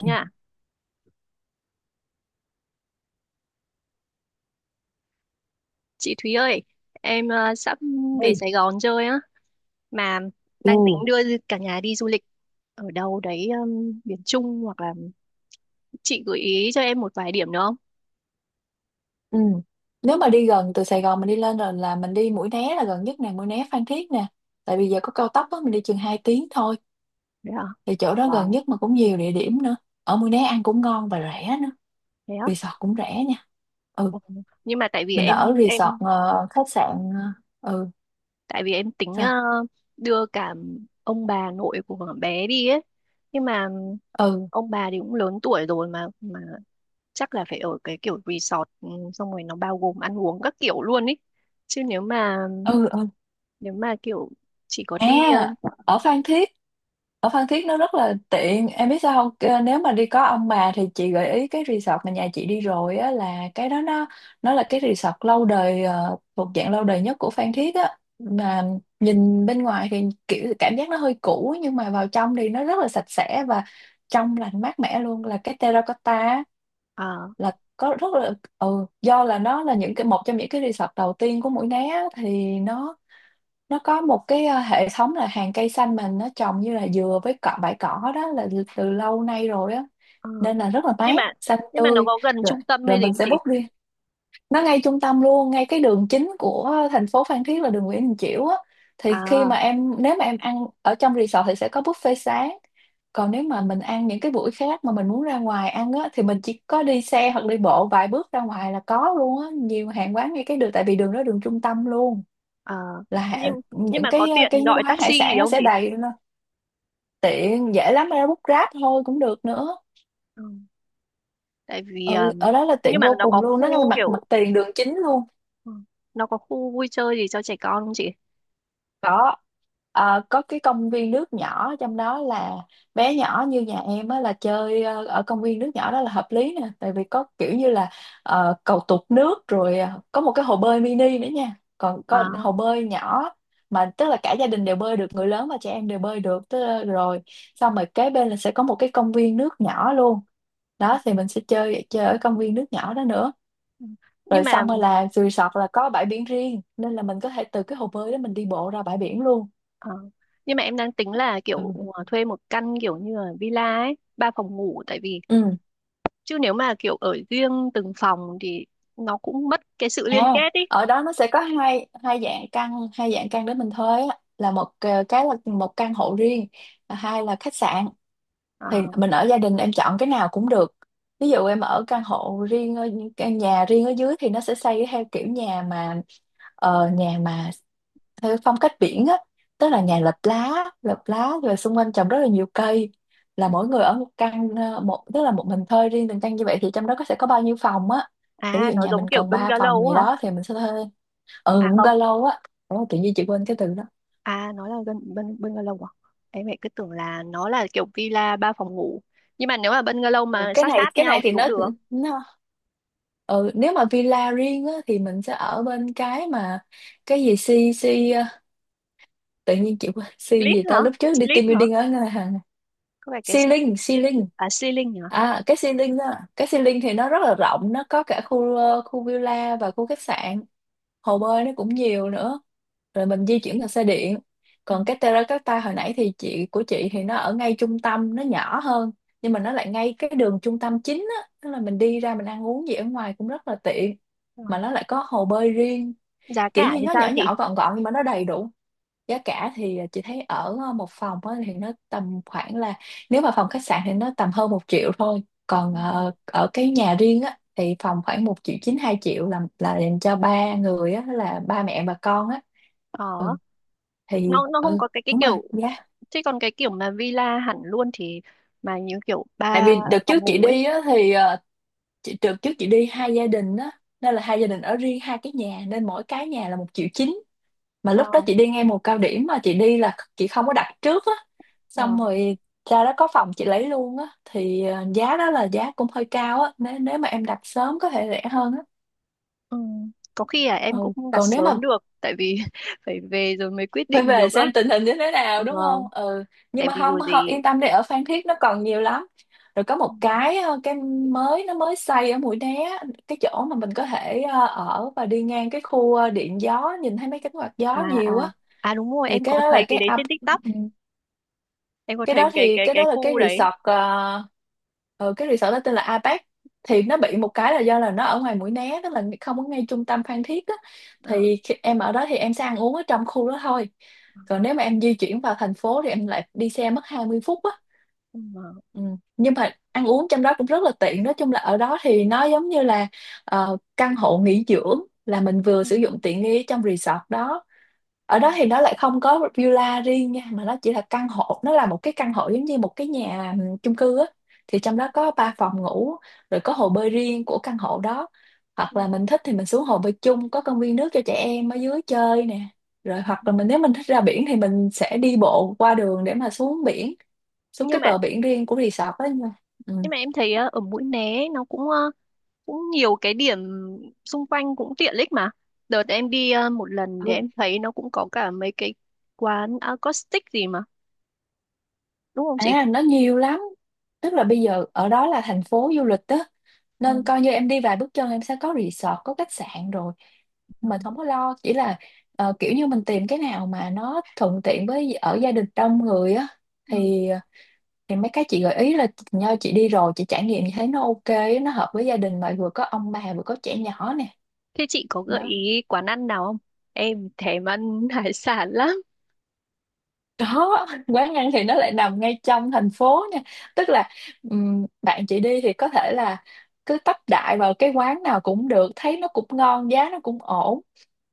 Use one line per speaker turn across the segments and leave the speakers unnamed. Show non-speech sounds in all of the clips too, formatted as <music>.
Nha, chị Thúy ơi, em sắp
Ôi,
về Sài Gòn chơi á, mà đang tính
ừ.
đưa cả nhà đi du lịch ở đâu đấy miền Trung hoặc là chị gợi ý cho em một vài điểm được không?
Ừ. Nếu mà đi gần từ Sài Gòn mình đi lên rồi là mình đi Mũi Né là gần nhất nè, Mũi Né Phan Thiết nè. Tại vì giờ có cao tốc á, mình đi chừng 2 tiếng thôi.
Đấy à?
Thì chỗ đó gần
Wow.
nhất mà cũng nhiều địa điểm nữa. Ở Mũi Né ăn cũng ngon và rẻ nữa.
Thế á?
Resort cũng rẻ nha. Ừ,
Ừ. Nhưng mà tại vì
mình ở
em
resort,
em
khách sạn, ừ,
tại vì em tính
sao?
đưa cả ông bà nội của bé đi ấy, nhưng mà
Ừ,
ông bà thì cũng lớn tuổi rồi mà chắc là phải ở cái kiểu resort xong rồi nó bao gồm ăn uống các kiểu luôn ấy chứ nếu mà
ừ, ừ.
nếu mà kiểu chỉ có
À,
đi
ở Phan Thiết, ở Phan Thiết nó rất là tiện. Em biết sao không? Nếu mà đi có ông bà thì chị gợi ý cái resort mà nhà chị đi rồi á, là cái đó nó là cái resort lâu đời, thuộc dạng lâu đời nhất của Phan Thiết á. Mà nhìn bên ngoài thì kiểu cảm giác nó hơi cũ, nhưng mà vào trong thì nó rất là sạch sẽ và trong lành mát mẻ luôn, là cái Terracotta á,
à,
là có rất là do là nó là những cái một trong những cái resort đầu tiên của Mũi Né á. Thì nó có một cái, hệ thống là hàng cây xanh mình nó trồng như là dừa với cọ, bãi cỏ đó, là từ lâu nay rồi á,
à.
nên là rất là
nhưng
mát,
mà
xanh
nhưng mà nó
tươi.
có gần
rồi
trung tâm
rồi
hay gì
mình
không
sẽ
chị?
book riêng. Nó ngay trung tâm luôn, ngay cái đường chính của thành phố Phan Thiết là đường Nguyễn Đình Chiểu á. Thì khi
À
mà em nếu mà em ăn ở trong resort thì sẽ có buffet sáng, còn nếu mà mình ăn những cái buổi khác mà mình muốn ra ngoài ăn á, thì mình chỉ có đi xe hoặc đi bộ vài bước ra ngoài là có luôn á, nhiều hàng quán ngay cái đường, tại vì đường đó đường trung tâm luôn,
à.
là
nhưng nhưng
những
mà có
cái
tiện
cái
gọi
quán hải
taxi gì
sản nó
không
sẽ
chị?
đầy lên. Tiện, dễ lắm, ra bút ráp thôi cũng được nữa.
Ừ. Tại vì
Ừ, ở đó là
nhưng
tiện
mà
vô
nó có
cùng luôn, nó là
khu
mặt mặt
kiểu
tiền đường chính luôn.
ừ, nó có khu vui chơi gì cho trẻ con không chị?
Có Ờ, có Cái công viên nước nhỏ trong đó, là bé nhỏ như nhà em á là chơi ở công viên nước nhỏ đó là hợp lý nè, tại vì có kiểu như là, cầu tụt nước rồi, có một cái hồ bơi mini nữa nha, còn có
À
hồ bơi nhỏ mà tức là cả gia đình đều bơi được, người lớn và trẻ em đều bơi được, tức là, rồi xong rồi kế bên là sẽ có một cái công viên nước nhỏ luôn.
ừ,
Đó, thì mình sẽ chơi chơi ở công viên nước nhỏ đó nữa.
ừ. Nhưng
Rồi
mà
xong rồi là resort là có bãi biển riêng, nên là mình có thể từ cái hồ bơi đó mình đi bộ ra bãi biển luôn.
ờ, nhưng mà em đang tính là kiểu
Ừ.
thuê một căn kiểu như là villa ấy ba phòng ngủ, tại vì
Ừ.
chứ nếu mà kiểu ở riêng từng phòng thì nó cũng mất cái sự liên
À,
kết ý.
ở đó nó sẽ có hai hai dạng căn để mình thuê á, là một, cái là một căn hộ riêng, và hai là khách sạn. Thì
À,
mình ở gia đình em chọn cái nào cũng được. Ví dụ em ở căn nhà riêng ở dưới thì nó sẽ xây theo kiểu nhà mà, ờ, nhà mà theo cái phong cách biển á, tức là nhà lợp lá rồi xung quanh trồng rất là nhiều cây, là mỗi người ở một căn, ờ, một tức là một mình thuê riêng từng căn như vậy, thì trong đó sẽ có bao nhiêu phòng á. Thì ví
à,
dụ
nó
nhà
giống
mình
kiểu
cần 3 phòng
bungalow
gì
á hả?
đó thì mình sẽ thuê. Ừ,
À không,
bungalow á. Ủa, tự nhiên chị quên cái từ đó.
à nó là gần bungalow à? Em lại cứ tưởng là nó là kiểu villa ba phòng ngủ. Nhưng mà nếu mà bungalow
Ừ,
mà
cái
sát
này
sát
cái
nhau
này
thì
thì
cũng
nó
được.
nó ừ, nếu mà villa riêng á thì mình sẽ ở bên cái mà, cái gì, si si, tự nhiên chị quên si
Split
gì
hả?
ta, lúc trước đi
Split
team
hả?
building ở ngân hàng.
Có phải cái
Xi
s-
Linh, Xi Linh.
À, ceiling hả?
À, cái Xi Linh thì nó rất là rộng, nó có cả khu, khu villa và khu khách sạn, hồ bơi nó cũng nhiều nữa. Rồi mình di chuyển bằng xe điện.
Ừ.
Còn cái Terracotta hồi nãy thì chị, của chị, thì nó ở ngay trung tâm, nó nhỏ hơn, nhưng mà nó lại ngay cái đường trung tâm chính á, tức là mình đi ra mình ăn uống gì ở ngoài cũng rất là tiện,
Ờ.
mà nó lại có hồ bơi riêng.
Giá
Kiểu
cả
như
thì
nó
sao
nhỏ
chị?
nhỏ gọn gọn nhưng mà nó đầy đủ. Giá cả thì chị thấy ở một phòng á thì nó tầm khoảng là, nếu mà phòng khách sạn thì nó tầm hơn một triệu thôi, còn
Ừ.
ở cái nhà riêng á thì phòng khoảng một triệu chín, hai triệu, là dành cho ba người á, là ba mẹ và con á. Ừ,
Ờ,
thì
nó không
ừ.
có cái
Đúng rồi,
kiểu
giá.
chứ còn cái kiểu mà villa hẳn luôn thì mà những kiểu
Tại
ba
vì đợt
phòng
trước chị
ngủ ấy.
đi á thì, đợt trước chị đi hai gia đình á, nên là hai gia đình ở riêng hai cái nhà, nên mỗi cái nhà là một triệu chín. Mà
Ờ,
lúc đó chị đi ngay mùa cao điểm mà, chị đi là chị không có đặt trước á,
ờ.
xong rồi ra đó có phòng chị lấy luôn á, thì giá đó là giá cũng hơi cao á, nếu nếu mà em đặt sớm có thể rẻ hơn á.
Ừ. Có khi là
Ừ,
em cũng không đặt
còn nếu mà
sớm được tại vì <laughs> phải về rồi mới quyết
<laughs> phải
định
về
được á.
xem tình hình như thế nào,
Ừ,
đúng không, ừ. Nhưng
tại
mà
vì
không,
rồi
không,
gì
yên tâm đi, ở Phan Thiết nó còn nhiều lắm. Rồi có một cái mới, nó mới xây ở Mũi Né, cái chỗ mà mình có thể, ở và đi ngang cái khu, điện gió, nhìn thấy mấy cánh quạt
à
gió
à
nhiều á.
à đúng rồi
Thì
em có
cái đó là
thấy cái
cái
đấy
up
trên TikTok,
ừ,
em có
cái
thấy
đó
cái
thì
cái
cái
cái
đó là cái
khu đấy.
resort ờ, ừ, cái resort đó tên là Apex. Thì nó bị một cái là do là nó ở ngoài Mũi Né, tức là không có ngay trung tâm Phan Thiết á.
À,
Thì khi em ở đó thì em sẽ ăn uống ở trong khu đó thôi, còn nếu mà em di chuyển vào thành phố thì em lại đi xe mất 20 phút á.
ừ,
Ừ. Nhưng mà ăn uống trong đó cũng rất là tiện, nói chung là ở đó thì nó giống như là, căn hộ nghỉ dưỡng, là mình vừa
ừ,
sử dụng tiện nghi trong resort đó.
ừ,
Ở đó thì nó lại không có villa riêng nha, mà nó chỉ là căn hộ, nó là một cái căn hộ giống như một cái nhà chung cư á. Thì trong
ừ,
đó có ba phòng ngủ, rồi có hồ bơi riêng của căn hộ đó, hoặc
ừ,
là mình thích thì mình xuống hồ bơi chung, có công viên nước cho trẻ em ở dưới chơi nè. Rồi hoặc
ừ.
là nếu mình thích ra biển thì mình sẽ đi bộ qua đường để mà xuống biển, xuống
nhưng
cái
mà
bờ biển riêng của resort đó nha. Ừ.
nhưng mà em thấy ở Mũi Né nó cũng cũng nhiều cái điểm xung quanh cũng tiện ích mà đợt em đi một lần thì em thấy nó cũng có cả mấy cái quán acoustic gì mà đúng không chị?
À, nó nhiều lắm. Tức là bây giờ ở đó là thành phố du lịch đó, nên coi như em đi vài bước chân em sẽ có resort, có khách sạn rồi.
Ừ.
Mình không có lo. Chỉ là, kiểu như mình tìm cái nào mà nó thuận tiện với ở gia đình đông người á.
Ừ.
Thì mấy cái chị gợi ý là nho, chị đi rồi chị trải nghiệm, chị thấy nó OK á, nó hợp với gia đình mà vừa có ông bà vừa có trẻ nhỏ nè.
Thế chị có gợi
Đó.
ý quán ăn nào không? Em thèm ăn <laughs> hải sản lắm.
Quán ăn thì nó lại nằm ngay trong thành phố nha, tức là bạn chị đi thì có thể là cứ tấp đại vào cái quán nào cũng được, thấy nó cũng ngon, giá nó cũng ổn.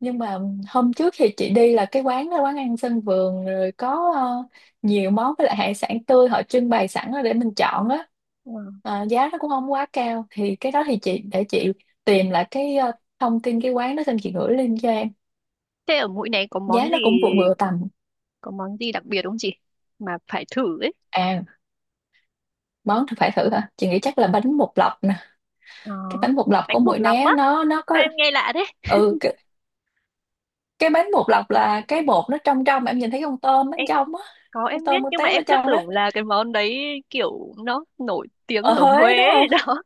Nhưng mà hôm trước thì chị đi là cái quán đó quán ăn sân vườn, rồi có, nhiều món, với lại hải sản tươi họ trưng bày sẵn đó để mình chọn á.
Ừ.
Ờ, giá nó cũng không quá cao. Thì cái đó thì chị để chị tìm lại cái, thông tin cái quán đó xong chị gửi link cho em.
Thế ở Mũi Né có món
Giá
gì,
nó cũng vừa vừa tầm.
có món gì đặc biệt không chị? Mà phải thử ấy.
À, món thì phải thử hả, chị nghĩ chắc là bánh bột lọc nè. Cái
Đó.
bánh bột lọc của
Bánh bột
Mũi
lọc á.
Né nó có.
Sao em nghe lạ thế?
Ừ, cái bánh bột lọc là cái bột nó trong trong em nhìn thấy con tôm bên
Em,
trong á,
có
con
em biết
tôm con
nhưng mà
tép ở
em cứ
trong đó.
tưởng là cái món đấy kiểu nó nổi tiếng
Ở
ở Huế
Huế đúng
ấy
không.
<laughs> đó.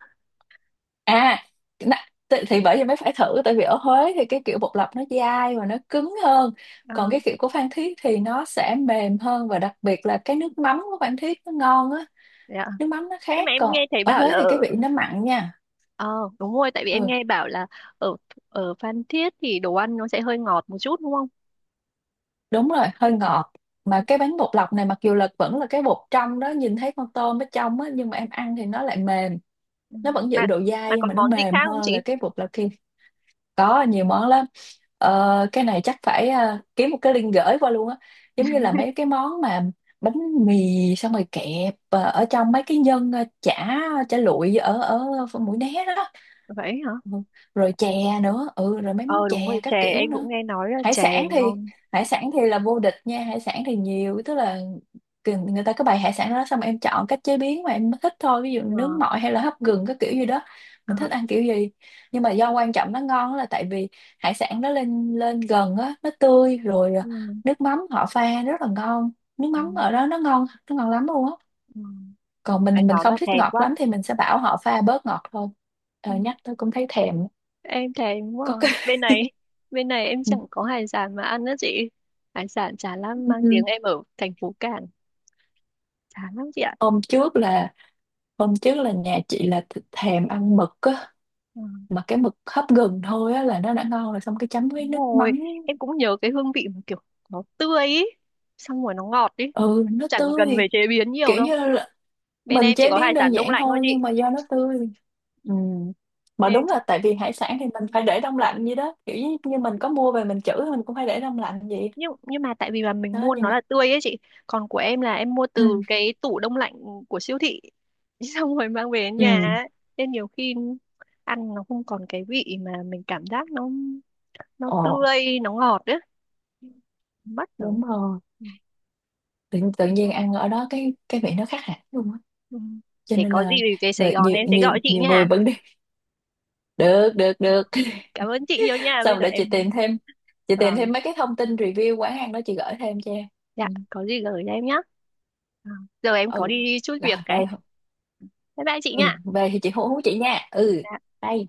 À, nè, thì, bởi vì mới phải thử, tại vì ở Huế thì cái kiểu bột lọc nó dai và nó cứng hơn,
Ờ,
còn cái kiểu của Phan Thiết thì nó sẽ mềm hơn, và đặc biệt là cái nước mắm của Phan Thiết nó ngon á.
dạ.
Nước mắm nó
Nhưng
khác,
mà em
còn
nghe thấy
ở
bảo là
Huế thì cái
ở
vị nó mặn nha.
ờ đúng rồi tại vì em
Ừ.
nghe bảo là ở ở Phan Thiết thì đồ ăn nó sẽ hơi ngọt một chút đúng không?
Đúng rồi, hơi ngọt. Mà cái bánh bột lọc này mặc dù là vẫn là cái bột trong đó, nhìn thấy con tôm ở trong á, nhưng mà em ăn thì nó lại mềm.
Ừ.
Nó vẫn
Mà
giữ độ dai
mà
nhưng
còn
mà nó
món gì khác
mềm
không
hơn
chị?
là cái bột lọc kia. Có nhiều món lắm. Ờ, cái này chắc phải, kiếm một cái link gửi qua luôn á. Giống như là mấy
<laughs>
cái món mà, bánh mì xong rồi kẹp, ở trong mấy cái nhân, chả chả lụi ở ở ờ, Mũi Né đó.
Vậy hả?
Ừ. Rồi chè nữa, ừ, rồi mấy món
Ờ đúng rồi,
chè các
chè
kiểu
em
nữa.
cũng nghe nói là
Hải
chè
sản thì,
ngon.
là vô địch nha, hải sản thì nhiều, tức là người ta có bày hải sản đó, xong em chọn cách chế biến mà em thích thôi, ví dụ nướng
Ờ,
mọi hay là hấp gừng các kiểu gì đó,
ờ,
mình thích ăn kiểu gì. Nhưng mà do quan trọng nó ngon là tại vì hải sản nó lên lên gần á, nó tươi rồi. À,
ừ,
nước mắm họ pha rất là ngon, nước
ừ,
mắm ở đó nó ngon, nó ngon lắm luôn á.
ừ.
Còn
Em
mình,
nói mà
không thích
thèm
ngọt
quá.
lắm thì mình sẽ bảo họ pha bớt ngọt thôi.
Ừ,
Ờ, nhắc tôi cũng thấy thèm.
em thèm quá.
Có
À.
cái
Bên này, <laughs> bên này em chẳng
<laughs>
có hải sản mà ăn đó chị. Hải sản chả lắm mang tiếng
ừ.
em ở thành phố Cảng. Chả lắm chị ạ.
ôm trước là Hôm trước là nhà chị là thèm ăn mực á,
Ừ,
mà cái mực hấp gừng thôi á là nó đã ngon rồi, xong cái chấm với
đúng
nước
rồi,
mắm.
em cũng nhớ cái hương vị mà kiểu nó tươi ý. Xong rồi nó ngọt ý.
Ừ, nó
Chẳng cần
tươi.
phải chế biến nhiều
Kiểu
đâu.
như là
Bên em
mình
chỉ
chế
có hải
biến đơn
sản đông
giản
lạnh thôi
thôi nhưng
chị.
mà do nó tươi. Ừ. Mà
Em
đúng là tại vì hải sản thì mình phải để đông lạnh vậy đó, kiểu như, mình có mua về mình trữ mình cũng phải để đông lạnh vậy.
nhưng mà tại vì là mình
Đó.
mua
Nhưng
nó
mà,
là tươi ấy chị, còn của em là em mua
ừ,
từ cái tủ đông lạnh của siêu thị <laughs> xong rồi mang về đến nhà
ừ,
ấy. Nên nhiều khi ăn nó không còn cái vị mà mình cảm giác nó
ồ,
tươi nó ngọt ấy mất rồi.
đúng rồi.
Ừ.
Tự nhiên ăn ở đó cái vị nó khác hẳn luôn á.
Ừ.
Cho
Thế
nên
có
là
gì thì về Sài
người
Gòn
nhiều
em sẽ
nhiều
gọi chị
nhiều người
nha.
vẫn đi được, được,
Vâng,
được.
cảm ơn chị nhiều nha, bây
Xong
giờ
để
em
chị tìm
Vâng.
thêm mấy cái thông tin review quán ăn đó chị gửi thêm cho em.
Dạ
Ừ,
có gì gửi cho em nhé, giờ em có
ừ.
đi chút việc
Rồi
cái
về.
bye bye chị
Ừ,
nha.
về thì chị hú hú chị nha. Ừ.
Dạ.
Đây.